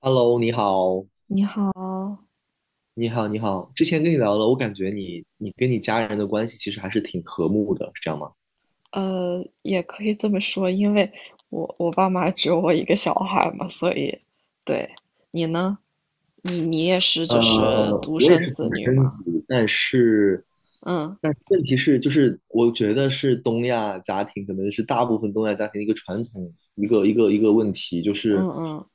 Hello，你好，你好。你好，你好。之前跟你聊了，我感觉你跟你家人的关系其实还是挺和睦的，是这样吗？也可以这么说，因为我爸妈只有我一个小孩嘛，所以，对。你呢？你也是呃，就是独我也生是独子女生嘛？子，但是，嗯问题是，就是我觉得是东亚家庭，可能是大部分东亚家庭的一个传统，一个问题，就嗯是，嗯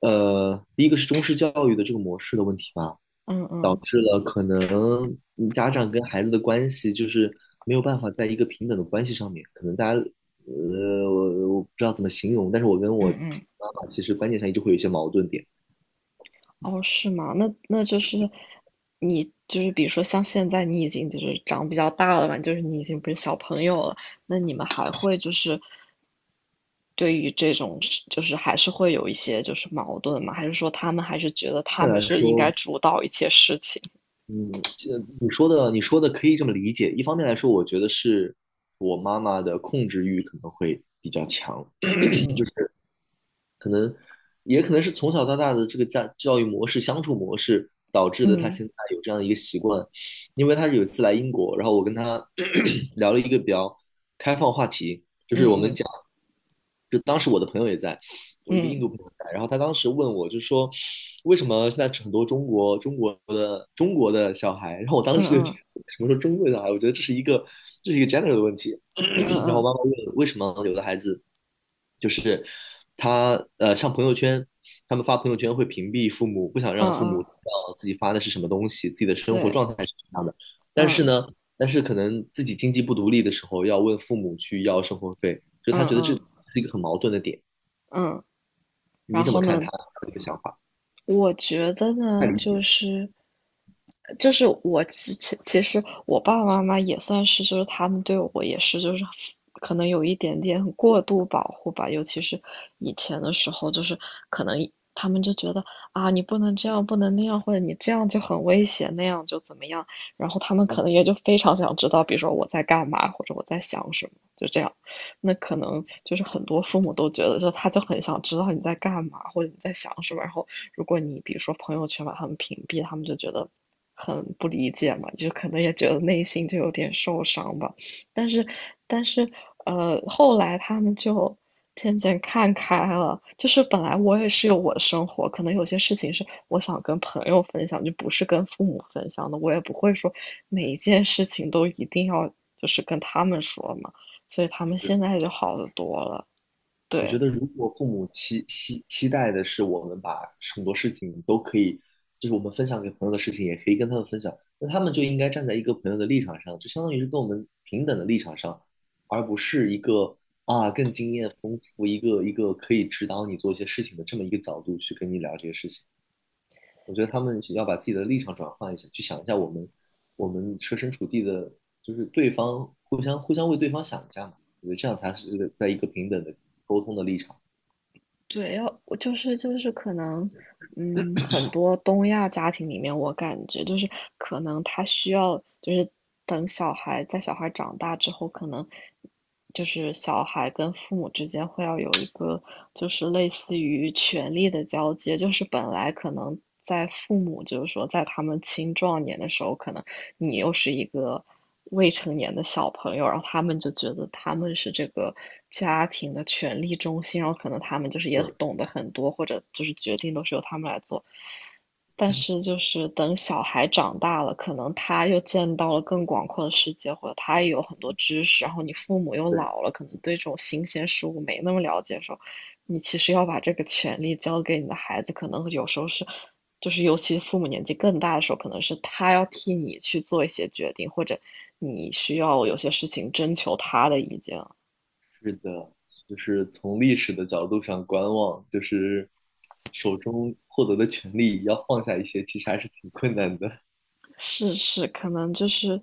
第一个是中式教育的这个模式的问题吧。嗯嗯导嗯致了可能家长跟孩子的关系就是没有办法在一个平等的关系上面，可能大家我不知道怎么形容，但是我跟我嗯嗯。妈妈其实观念上一直会有一些矛盾点。哦，是吗？那就是你就是比如说像现在你已经就是长比较大了嘛，就是你已经不是小朋友了，那你们还会就是对于这种事就是还是会有一些就是矛盾吗？还是说他们还是觉得一他方们面来是应该说，主导一切事情？嗯，这你说的可以这么理解。一方面来说，我觉得是我妈妈的控制欲可能会比较强，嗯嗯也可能是从小到大的这个家教育模式、相处模式导致的，他嗯现在有这样的一个习惯。因为他是有一次来英国，然后我跟他 聊了一个比较开放话题，就是我们嗯讲，就当时我的朋友也在，我一个嗯印嗯度朋友在，然后他当时问我，就说为什么现在很多中国的小孩，然后我当嗯时就觉嗯得什么时候中国的小孩，我觉得这是一个g e n e r a l 的问题，嗯 然后我嗯妈妈问为什么有的孩子。就是他像朋友圈，他们发朋友圈会屏蔽父母，不想嗯让父母嗯，知道自己发的是什么东西，自己的生活对。状态是什么样的。但是嗯呢，但是可能自己经济不独立的时候，要问父母去要生活费，就是他嗯觉得这嗯是一个很矛盾的点。嗯。然你怎后么看他呢？这个想法？我觉得太呢，理就解。是就是我其实我爸爸妈妈也算是，就是他们对我也是，就是可能有一点点过度保护吧，尤其是以前的时候，就是可能他们就觉得，啊，你不能这样，不能那样，或者你这样就很危险，那样就怎么样，然后他们嗯，可能也就非常想知道，比如说我在干嘛，或者我在想什么，就这样。那可能就是很多父母都觉得，就他就很想知道你在干嘛，或者你在想什么。然后，如果你比如说朋友圈把他们屏蔽，他们就觉得很不理解嘛，就可能也觉得内心就有点受伤吧。但是，但是，后来他们就渐渐看开了。就是本来我也是有我的生活，可能有些事情是我想跟朋友分享，就不是跟父母分享的。我也不会说每一件事情都一定要就是跟他们说嘛。所以他们是，现在就好得多了，我觉对。得，如果父母期待的是我们把很多事情都可以，就是我们分享给朋友的事情，也可以跟他们分享，那他们就应该站在一个朋友的立场上，就相当于是跟我们平等的立场上，而不是一个啊更经验丰富，一个可以指导你做一些事情的这么一个角度去跟你聊这些事情。我觉得他们要把自己的立场转换一下，去想一下我们设身处地的，就是对方互相为对方想一下嘛。我觉得这样才是在一个平等的沟通的立场。对，要我就是可能，很多东亚家庭里面，我感觉就是可能他需要就是等小孩长大之后，可能就是小孩跟父母之间会要有一个就是类似于权力的交接，就是本来可能在父母就是说在他们青壮年的时候，可能你又是一个未成年的小朋友，然后他们就觉得他们是这个家庭的权力中心，然后可能他们就是也对懂得很多，或者就是决定都是由他们来做。但是就是等小孩长大了，可能他又见到了更广阔的世界，或者他也有很多知识，然后你父母又对，老了，可能对这种新鲜事物没那么了解的时候，你其实要把这个权利交给你的孩子，可能有时候是，就是尤其父母年纪更大的时候，可能是他要替你去做一些决定，或者你需要有些事情征求他的意见。是的，就是从历史的角度上观望，就是手中获得的权利要放下一些，其实还是挺困难的。是是，可能就是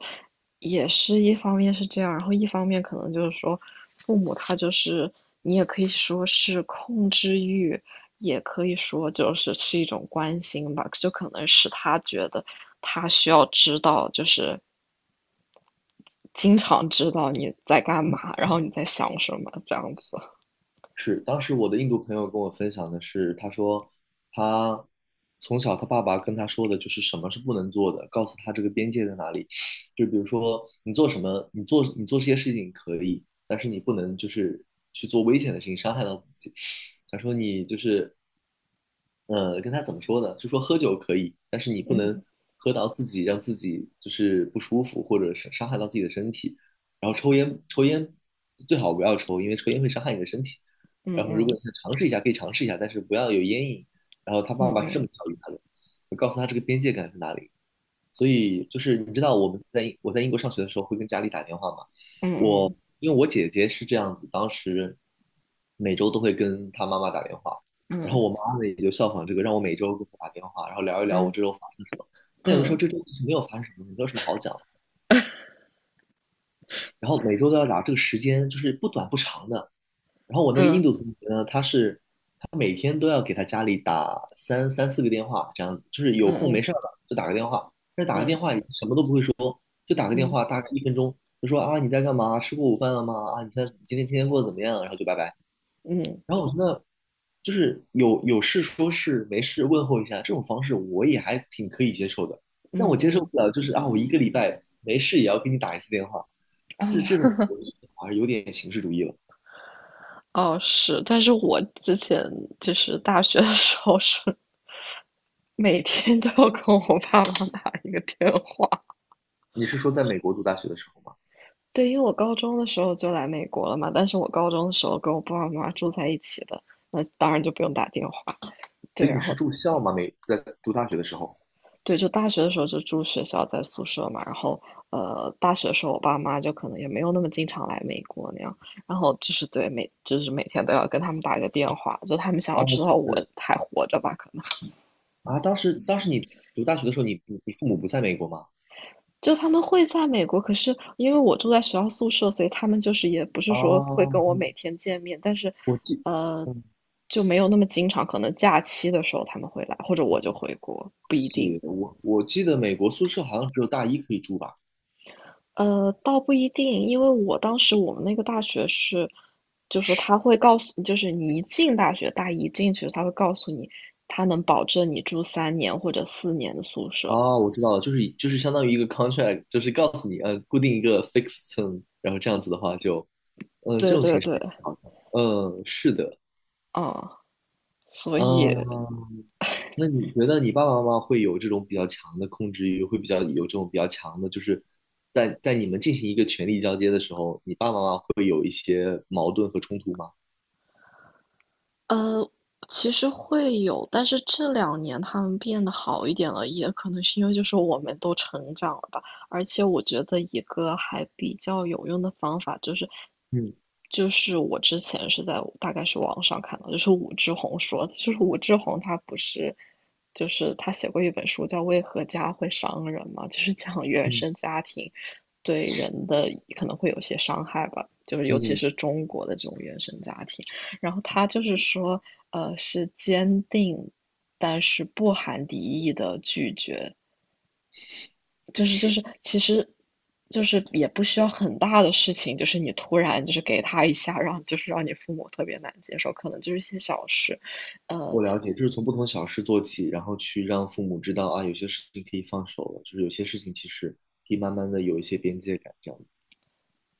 也是一方面是这样，然后一方面可能就是说父母他就是你也可以说是控制欲，也可以说就是是一种关心吧，就可能是他觉得他需要知道，就是经常知道你在干嘛，然后你在想什么这样子。是，当时我的印度朋友跟我分享的是，他说他从小他爸爸跟他说的就是什么是不能做的，告诉他这个边界在哪里。就比如说你做什么，你做这些事情可以，但是你不能就是去做危险的事情，伤害到自己。他说你就是跟他怎么说呢？就说喝酒可以，但是你不能嗯喝到自己让自己就是不舒服，或者是伤害到自己的身体。然后抽烟，最好不要抽，因为抽烟会伤害你的身体。嗯然后如嗯果你想尝试一下，可以尝试一下，但是不要有烟瘾。然后他爸爸是这嗯么教育他的，我告诉他这个边界感在哪里。所以就是你知道我在英国上学的时候会跟家里打电话吗？嗯因为我姐姐是这样子，当时每周都会跟她妈妈打电话，然后我嗯妈呢也就效仿这个，让我每周给她打电话，然后聊一聊嗯我嗯这周发生什么。那有的时候嗯这周其实没有发生什么，没有什么好讲的，然后每周都要打，这个时间就是不短不长的。然后我那个印嗯度同学呢，他每天都要给他家里打三四个电话，这样子，就是有空嗯没事儿了就打个电话，嗯嗯嗯嗯嗯但是打个嗯。电嗯。话也嗯。什么都不会说，就打个电嗯。话大概一分钟，就说啊你在干嘛，吃过午饭了吗？啊你现在今天过得怎么样？然后就拜拜。然后我觉得就是有事说事，没事问候一下，这种方式我也还挺可以接受的。嗯。但我嗯。接嗯。受嗯。不了就是啊，我一个礼拜没事也要给你打一次电话，这种嗯。我觉得好像有点形式主义了。哦，是，但是我之前就是大学的时候是每天都要跟我爸妈打一个电话。你是说在美国读大学的时候吗？对，因为我高中的时候就来美国了嘛，但是我高中的时候跟我爸爸妈妈住在一起的，那当然就不用打电话。对，所以你然是后住校吗？在读大学的时候？对，就大学的时候就住学校在宿舍嘛，然后大学的时候我爸妈就可能也没有那么经常来美国那样，然后就是对每就是每天都要跟他们打一个电话，就他们想要哦，知就道我是还活着吧，可能。啊，当时你读大学的时候，你父母不在美国吗？就他们会在美国，可是因为我住在学校宿舍，所以他们就是也不是说会啊，跟我每天见面，但是，我记，呃，嗯，就没有那么经常，可能假期的时候他们会来，或者我就我回国，不一定。我记得美国宿舍好像只有大一可以住吧。倒不一定，因为我当时我们那个大学是，就是他会告诉，就是你一进大学，大一进去，他会告诉你，他能保证你住三年或者四年的宿舍。哦，我知道了，就是相当于一个 contract，就是告诉你，固定一个 fixed term，然后这样子的话就，这对种对形式对，好的，嗯，是的，嗯，所以嗯，那你觉得你爸爸妈妈会有这种比较强的控制欲，会比较有这种比较强的，就是你们进行一个权力交接的时候，你爸爸妈妈会有一些矛盾和冲突吗？呃，其实会有，但是这两年他们变得好一点了，也可能是因为就是我们都成长了吧。而且我觉得一个还比较有用的方法就是，嗯就是我之前是在大概是网上看到，就是武志红说的，就是武志红他不是，就是他写过一本书叫《为何家会伤人》嘛，就是 讲原嗯生家庭对人的可能会有些伤害吧，就是尤其嗯是中国的这种原生家庭。然后他就是说，是坚定，但是不含敌意的拒绝，就是其实。就是也不需要很大的事情，就是你突然就是给他一下，让就是让你父母特别难接受，可能就是一些小事。呃，我了解，就是从不同小事做起，然后去让父母知道啊，有些事情可以放手了，就是有些事情其实可以慢慢的有一些边界感，这样。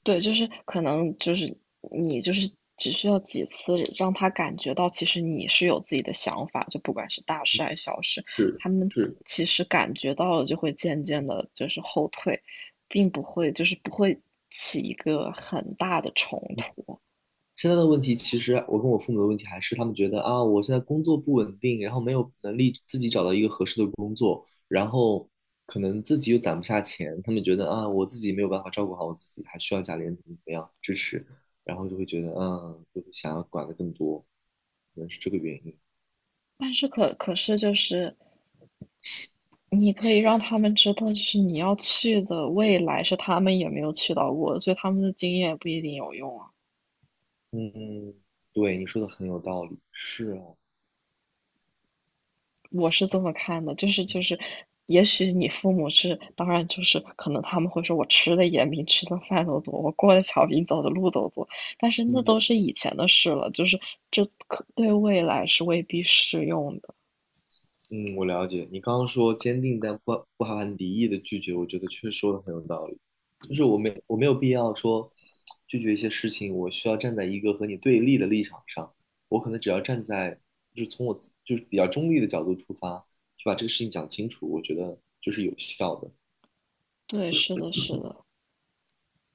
对，就是可能就是你就是只需要几次让他感觉到，其实你是有自己的想法，就不管是大事还是小事，是他们是，其实感觉到了，就会渐渐的就是后退，并不会就是不会起一个很大的冲突。现在的问题，其实我跟我父母的问题还是他们觉得啊，我现在工作不稳定，然后没有能力自己找到一个合适的工作，然后可能自己又攒不下钱，他们觉得啊，我自己没有办法照顾好我自己，还需要家里人怎么样支持，然后就会觉得就是想要管得更多，可能是这个原因。但是可是就是你可以让他们知道，就是你要去的未来是他们也没有去到过的，所以他们的经验不一定有用啊。嗯，对，你说的很有道理。是啊，我是这么看的，就是，也许你父母是，当然就是可能他们会说我吃的盐比你吃的饭都多，我过的桥比你走的路都多，但是那嗯都是以前的事了，就是这可对未来是未必适用的。嗯，我了解。你刚刚说坚定但不含敌意的拒绝，我觉得确实说的很有道理。就是我没有必要说拒绝一些事情，我需要站在一个和你对立的立场上。我可能只要站在就是从我自就是比较中立的角度出发，去把这个事情讲清楚，我觉得就是有效的。对，是的，是的。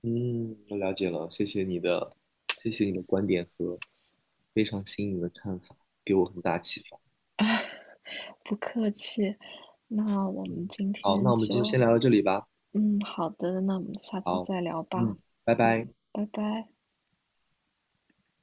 嗯，我了解了，谢谢你的观点和非常新颖的看法，给我很大启发。不客气。那我们嗯，今好，那天我们就就，先聊到这里吧。好的。那我们下次好，再聊吧。嗯，拜嗯，拜。拜拜。